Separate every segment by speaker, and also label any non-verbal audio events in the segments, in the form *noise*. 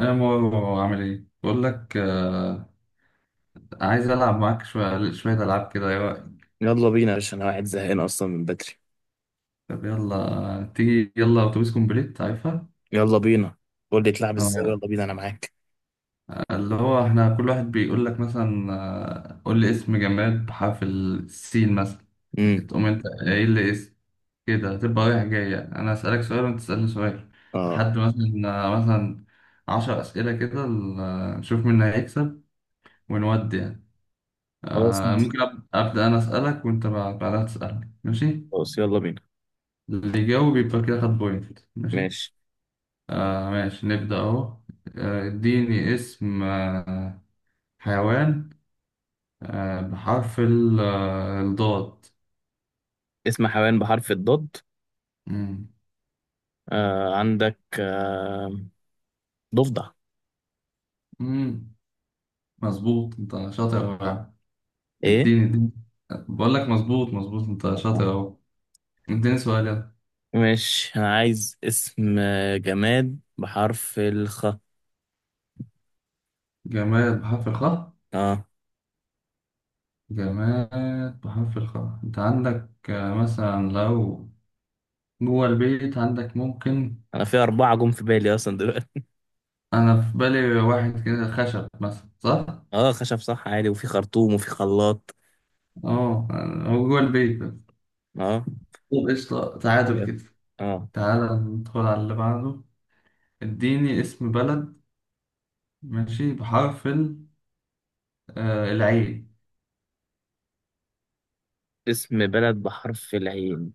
Speaker 1: انا مو عامل ايه، بقول لك عايز العب معاك شويه شويه العاب كده يا.
Speaker 2: يلا بينا يا باشا، انا واحد زهقان اصلا من بدري.
Speaker 1: طب يلا تيجي، يلا اتوبيس كومبليت عارفها.
Speaker 2: يلا بينا. قول لي تلعب ازاي،
Speaker 1: آه،
Speaker 2: يلا بينا انا معاك.
Speaker 1: اللي هو احنا كل واحد بيقول لك مثلا قول لي اسم جماد بحرف السين مثلا.
Speaker 2: امم
Speaker 1: تقوم انت ايه اللي اسم كده، تبقى رايح جاي يعني. انا اسالك سؤال وانت تسالني سؤال
Speaker 2: اه،
Speaker 1: لحد مثلا مثلا عشر اسئله كده نشوف مين هيكسب ونودي يعني.
Speaker 2: خلاص ماشي.
Speaker 1: ممكن ابدا، انا اسالك وانت بعدها تسالني، ماشي؟
Speaker 2: خلاص يلا بينا.
Speaker 1: اللي يجاوب يبقى كده خد بوينت، ماشي.
Speaker 2: ماشي.
Speaker 1: آه ماشي، نبدأ أهو. اديني اسم حيوان، آه، بحرف الضاد.
Speaker 2: اسم حيوان بحرف الضاد.
Speaker 1: مم.
Speaker 2: آه، عندك، ضفدع.
Speaker 1: مم. مظبوط، أنت شاطر أوي يا عم.
Speaker 2: ايه.
Speaker 1: اديني اديني، بقول لك مظبوط مظبوط، أنت شاطر أهو. اديني سؤال يلا.
Speaker 2: ماشي، انا عايز اسم جماد بحرف الخ.
Speaker 1: جماد بحرف الخاء.
Speaker 2: اه.
Speaker 1: جماد بحرف الخاء، أنت عندك مثلا لو جوه البيت عندك ممكن.
Speaker 2: انا في اربعة جم في بالي اصلا دلوقتي.
Speaker 1: أنا في بالي واحد كده، خشب مثلا، صح؟
Speaker 2: اه، خشب صح عادي، وفي خرطوم وفي خلاط.
Speaker 1: اه. هو جوه البيت بس.
Speaker 2: اه،
Speaker 1: طب قشطة، تعادل
Speaker 2: يلا.
Speaker 1: كده.
Speaker 2: اه.
Speaker 1: تعالى ندخل على اللي بعده. اديني اسم بلد، ماشي، بحرف العين.
Speaker 2: اسم بلد بحرف العين.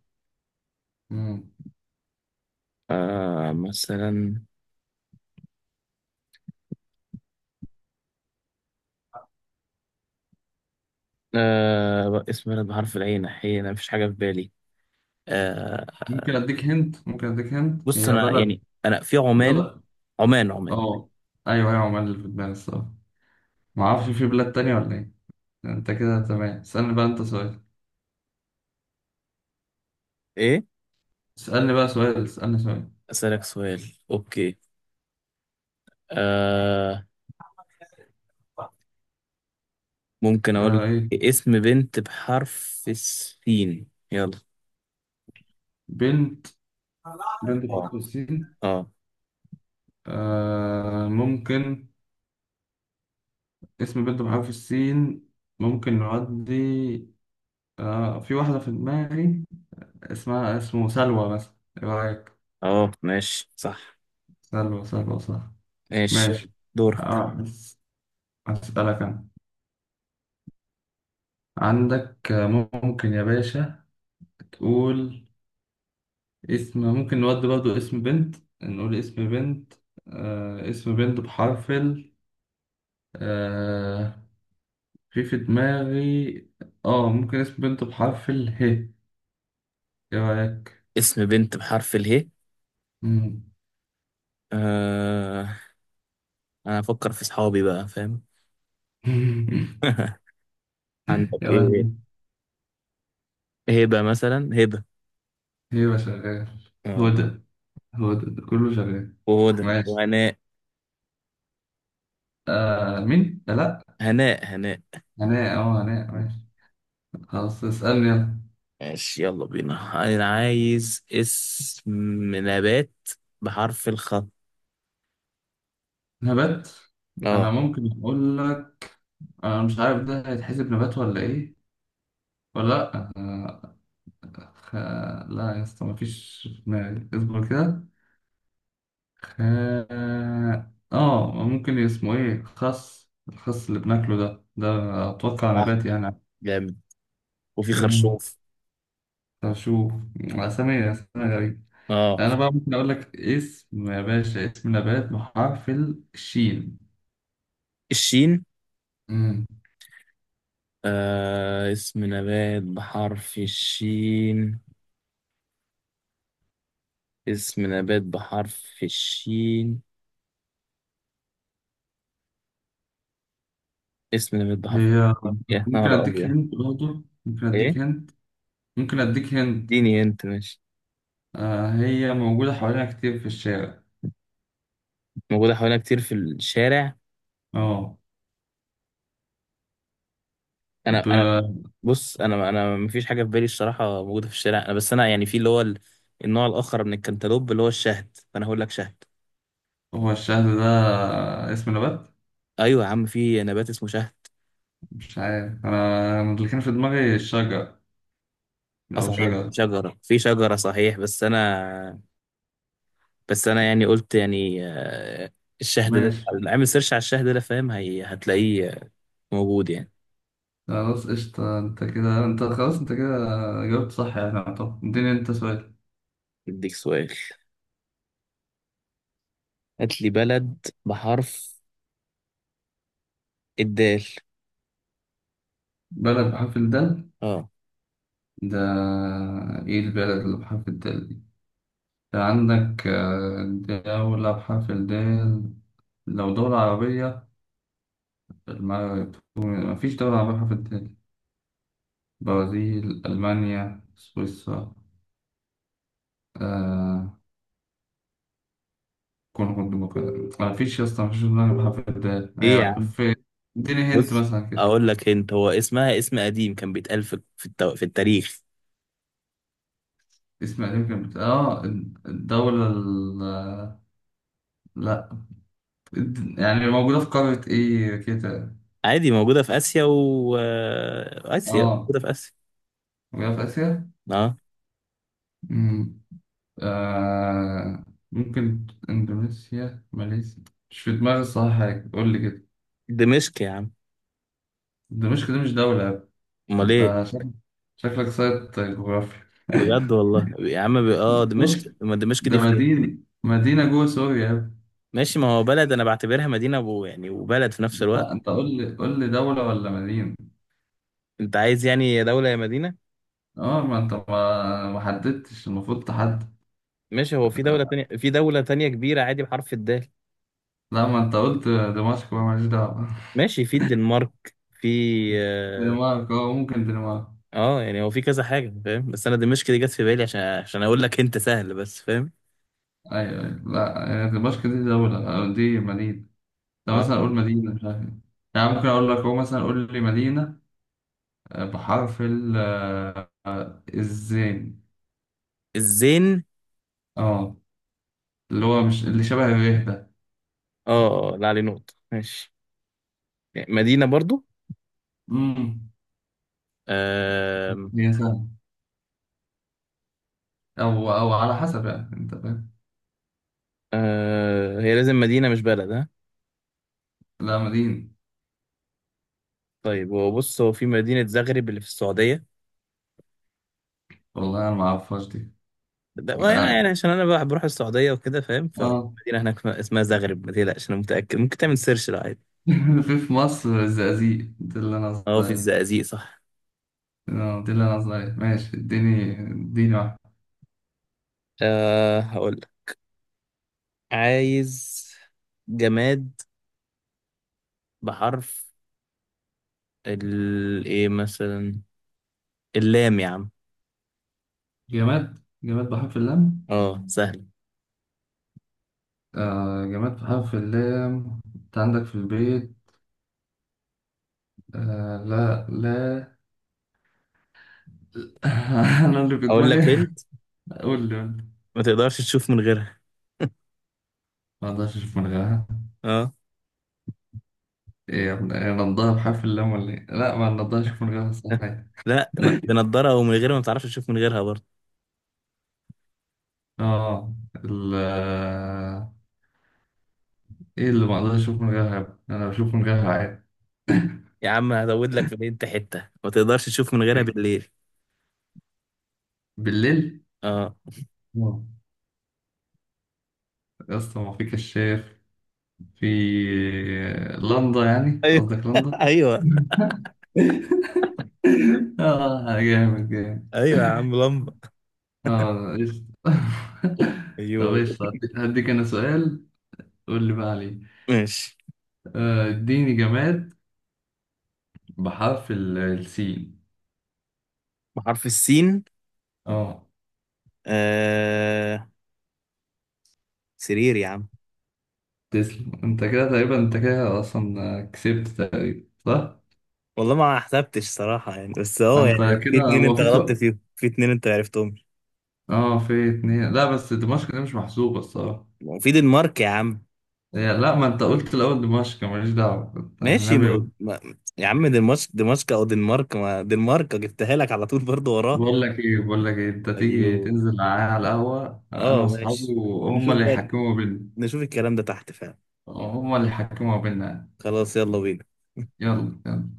Speaker 1: مم.
Speaker 2: مثلا. اسم بلد بحرف العين، حين مفيش حاجة في بالي. آه
Speaker 1: ممكن اديك هنت، ممكن اديك هنت،
Speaker 2: بص،
Speaker 1: هي
Speaker 2: أنا
Speaker 1: بلد.
Speaker 2: يعني أنا في عمان.
Speaker 1: بلد.
Speaker 2: عمان عمان.
Speaker 1: اه. ايوه ايوه، عمال اللي في دماغي الصراحة، معرفش في بلاد تانية ولا ايه. انت كده تمام، اسألني بقى انت سؤال،
Speaker 2: إيه.
Speaker 1: اسألني بقى سؤال، اسألني سؤال.
Speaker 2: أسألك سؤال. أوكي. آه ممكن أقول
Speaker 1: آه
Speaker 2: لك
Speaker 1: ايه؟
Speaker 2: اسم بنت بحرف السين، يلا.
Speaker 1: بنت. بنت بحرف
Speaker 2: اه،
Speaker 1: السين.
Speaker 2: اه.
Speaker 1: آه، ممكن، اسم بنت بحرف السين، ممكن نعدي. آه، في واحدة في دماغي اسمه سلوى مثلا، ايه رأيك؟
Speaker 2: اه ماشي، صح.
Speaker 1: سلوى، سلوى صح.
Speaker 2: ماشي،
Speaker 1: ماشي.
Speaker 2: دورك.
Speaker 1: آه بس، أسألك أنا، عندك ممكن يا باشا تقول اسم. ممكن نودي برضو اسم بنت، نقول اسم بنت. اسم بنت بحرف ال، آه في دماغي، اه ممكن اسم بنت بحرف ال ه، ايه رأيك؟
Speaker 2: اسم بنت بحرف اله.
Speaker 1: مم.
Speaker 2: آه أنا أفكر في صحابي بقى، فاهم؟
Speaker 1: *laughs*
Speaker 2: *laughs* عندك
Speaker 1: يا
Speaker 2: إيه؟
Speaker 1: ولد.
Speaker 2: هبة مثلا، هبة.
Speaker 1: ايوه شغال.
Speaker 2: اه،
Speaker 1: هدى. هدى ده كله شغال.
Speaker 2: وهدى
Speaker 1: ماشي.
Speaker 2: وهناء،
Speaker 1: آه مين؟ لا.
Speaker 2: هناء هناء.
Speaker 1: هناء، اه هناء، ماشي. خلاص اسألني يلا.
Speaker 2: ماشي يلا بينا، انا عايز اسم نبات بحرف الخاء.
Speaker 1: نبات. انا
Speaker 2: اه
Speaker 1: ممكن اقول لك، انا مش عارف ده هيتحسب نبات ولا ايه، ولا لا آه. خ... لا يا اسطى، مفيش في دماغي، اصبر كده. اه. ممكن اسمه ايه، خس، الخس اللي بناكله ده، اتوقع
Speaker 2: صح،
Speaker 1: نبات يعني.
Speaker 2: جامد، وفي
Speaker 1: مم.
Speaker 2: خرشوف.
Speaker 1: طب شوف، اسامي اسامي غريبة.
Speaker 2: اه.
Speaker 1: انا بقى ممكن اقول لك اسم يا باشا، اسم نبات بحرف الشين.
Speaker 2: الشين.
Speaker 1: امم
Speaker 2: اسم نبات بحرف الشين. اسم نبات بحرف الشين. اسم نبات بحرف
Speaker 1: هي،
Speaker 2: الشين، يا
Speaker 1: ممكن
Speaker 2: نهار
Speaker 1: اديك
Speaker 2: ابيض.
Speaker 1: هنت برضه، ممكن
Speaker 2: ايه،
Speaker 1: اديك هنت، ممكن اديك هنت.
Speaker 2: اديني انت ماشي.
Speaker 1: آه، هي موجودة حوالينا كتير في الشارع.
Speaker 2: موجوده حوالينا كتير في الشارع.
Speaker 1: اه.
Speaker 2: انا
Speaker 1: ب...
Speaker 2: انا بص، انا مفيش حاجه في بالي الصراحه، موجوده في الشارع، انا بس، انا يعني، في اللي هو النوع الاخر من الكنتالوب اللي هو الشهد، فانا هقول لك شهد.
Speaker 1: هو الشهد ده اسم نبات؟
Speaker 2: ايوه يا عم، في نبات اسمه شهد.
Speaker 1: مش عارف انا، اللي كان في دماغي الشجر،
Speaker 2: اه
Speaker 1: او
Speaker 2: صحيح، في
Speaker 1: شجر.
Speaker 2: شجره، صحيح، بس انا يعني قلت يعني، الشهد ده.
Speaker 1: ماشي،
Speaker 2: اعمل سيرش على الشهد ده، فاهم؟ هتلاقيه موجود يعني.
Speaker 1: خلاص قشطة، انت كده، انت خلاص، انت كده جاوبت صح يعني. طب اديني انت سؤال.
Speaker 2: اديك سؤال. هات لي بلد بحرف الدال.
Speaker 1: بلد بحرف الدال.
Speaker 2: اه.
Speaker 1: ده، ايه البلد اللي بحرف الدال دي؟ ده عندك دولة بحرف الدال. لو دولة عربية، المغرب، مفيش دولة عربية بحرف الدال. برازيل، ألمانيا، سويسرا، آه كونغو الديمقراطية، مفيش يا اسطى، مفيش دولة عربية بحرف الدال،
Speaker 2: ايه يا
Speaker 1: هي
Speaker 2: عم،
Speaker 1: في. اديني هنت
Speaker 2: بص
Speaker 1: مثلا كده.
Speaker 2: اقول لك انت، هو اسمها اسم قديم كان بيتقال في التاريخ.
Speaker 1: اسم يمكن اه، الدولة ال... آه، لا، يعني موجودة في قارة ايه كده.
Speaker 2: عادي، موجودة في آسيا، و آسيا،
Speaker 1: اه
Speaker 2: موجودة في آسيا.
Speaker 1: موجودة في
Speaker 2: اه،
Speaker 1: آسيا. آه، ممكن إندونيسيا، ماليزيا؟ مش في دماغي الصراحة حاجة، قول لي كده.
Speaker 2: دمشق يا عم.
Speaker 1: دمشق دي مش دولة يا ابني.
Speaker 2: امال ايه؟
Speaker 1: أنت شكلك، سايت جغرافيا.
Speaker 2: بجد والله يا عم، اه دمشق،
Speaker 1: دمشق
Speaker 2: ما دمشق
Speaker 1: ده
Speaker 2: دي فين.
Speaker 1: مدينة، مدينة جوه سوريا يا ابني.
Speaker 2: ماشي، ما هو بلد، انا بعتبرها مدينة يعني وبلد في نفس
Speaker 1: لا
Speaker 2: الوقت.
Speaker 1: أنت قول لي، قول لي دولة ولا مدينة؟
Speaker 2: انت عايز يعني يا دولة يا مدينة.
Speaker 1: أه ما أنت ما حددتش، المفروض تحدد.
Speaker 2: ماشي، هو في دولة تانية كبيرة عادي بحرف الدال.
Speaker 1: لا، ما أنت قلت دمشق، بقى ماليش دعوة. *laughs*
Speaker 2: ماشي، في الدنمارك. في، اه.
Speaker 1: دنمارك، أه ممكن دنمارك.
Speaker 2: يعني هو في كذا حاجة فاهم، بس انا دمشق دي جت في بالي عشان اقول لك انت سهل، بس فاهم.
Speaker 1: أيوه أيوه، لا هي دمشق دي دولة، آه، دي مدينة. طب
Speaker 2: اه،
Speaker 1: مثلا أقول مدينة مش عارف إيه. يعني ممكن أقول لك هو مثلا، قول لي مدينة بحرف ال الزين.
Speaker 2: الزين.
Speaker 1: اه، اللي هو مش اللي شبه الريه ده.
Speaker 2: اه، لا، عليه نقطة، ماشي. مدينة برضو.
Speaker 1: امم
Speaker 2: آم،
Speaker 1: هي سهلة، أو على حسب، يعني أنت فاهم.
Speaker 2: آه، هي لازم مدينة مش بلد، ها.
Speaker 1: لا، مدينة.
Speaker 2: طيب، هو بص، هو في مدينة زغرب اللي في السعودية.
Speaker 1: والله أنا ما أعرفهاش دي.
Speaker 2: ده يعني
Speaker 1: اه.
Speaker 2: يعني عشان أنا بقى بروح السعودية وكده فاهم،
Speaker 1: آه.
Speaker 2: فمدينة هناك اسمها زغرب، ما تقلقش، أنا متأكد، ممكن تعمل سيرش لو عادي.
Speaker 1: *laughs* في مصر، الزقازيق دي اللي أنا
Speaker 2: أه،
Speaker 1: قصدي
Speaker 2: في
Speaker 1: عليها.
Speaker 2: الزقازيق صح.
Speaker 1: آه، دي اللي أنا قصدي عليها، ماشي. اديني اديني واحدة.
Speaker 2: أه، هقول لك، عايز جماد بحرف ال إيه مثلا، اللام يا عم.
Speaker 1: جماد، جماد بحرف اللام.
Speaker 2: أه سهل.
Speaker 1: آه جماد بحرف اللام. انت عندك في البيت، آه لا لا. *laughs* انا اللي في
Speaker 2: أقول
Speaker 1: دماغي.
Speaker 2: لك أنت،
Speaker 1: قول لي قول لي.
Speaker 2: ما تقدرش تشوف من غيرها.
Speaker 1: ما اقدرش اشوف من غيرها.
Speaker 2: أه
Speaker 1: ايه يا ابني، إيه، نضارة بحرف اللام ولا ايه؟ لا، ما اقدرش اشوف من غيرها صحيح.
Speaker 2: لا، بنضاره ومن غيرها ما بتعرفش تشوف من غيرها برضه.
Speaker 1: اه ال ايه اللي ما اقدرش اشوف من غيرها يا ابني؟ انا بشوف من غيرها عادي.
Speaker 2: يا عم، هزود لك في الهنت، حته ما تقدرش تشوف من غيرها
Speaker 1: إيه؟
Speaker 2: بالليل.
Speaker 1: بالليل.
Speaker 2: اه.
Speaker 1: آه. يا اسطى ما في كشاف، في، لندا، يعني
Speaker 2: ايوه.
Speaker 1: قصدك
Speaker 2: *laughs*
Speaker 1: لندا؟
Speaker 2: ايوه،
Speaker 1: *laughs* اه، جامد جامد.
Speaker 2: ايوه يا عم، لمبه.
Speaker 1: اه ايش. *laughs* طب
Speaker 2: ايوه.
Speaker 1: ايش، هديك هديك انا سؤال. قول لي بقى عليه.
Speaker 2: ماشي.
Speaker 1: اديني جماد بحرف السين.
Speaker 2: بحرف السين.
Speaker 1: اه.
Speaker 2: آه... سرير يا عم.
Speaker 1: تسلم، انت كده تقريبا، انت كده اصلا كسبت تقريبا، صح.
Speaker 2: والله ما حسبتش صراحة يعني، بس هو
Speaker 1: انت
Speaker 2: يعني في
Speaker 1: كده
Speaker 2: اتنين
Speaker 1: هو
Speaker 2: انت
Speaker 1: في
Speaker 2: غلطت
Speaker 1: سؤال.
Speaker 2: فيهم، في اتنين انت عرفتهم.
Speaker 1: اه، في اتنين، لا بس دمشق دي مش محسوبة الصراحة.
Speaker 2: وفي دنمارك يا عم.
Speaker 1: لا، ما انت قلت الاول دمشق، ماليش دعوة انت
Speaker 2: ماشي.
Speaker 1: النبي.
Speaker 2: ما... ما... يا عم دنمارك، دمشق او دنمارك، ما دنمارك جبتها لك على طول برضه وراه.
Speaker 1: بقول لك ايه، انت تيجي
Speaker 2: ايوه.
Speaker 1: تنزل معايا على القهوة انا
Speaker 2: اه
Speaker 1: واصحابي،
Speaker 2: ماشي.
Speaker 1: وهم
Speaker 2: نشوف
Speaker 1: اللي
Speaker 2: بقى
Speaker 1: يحكموا بينا.
Speaker 2: نشوف الكلام ده تحت فعلا.
Speaker 1: هم اللي يحكموا بينا.
Speaker 2: خلاص يلا بينا.
Speaker 1: يلا يلا.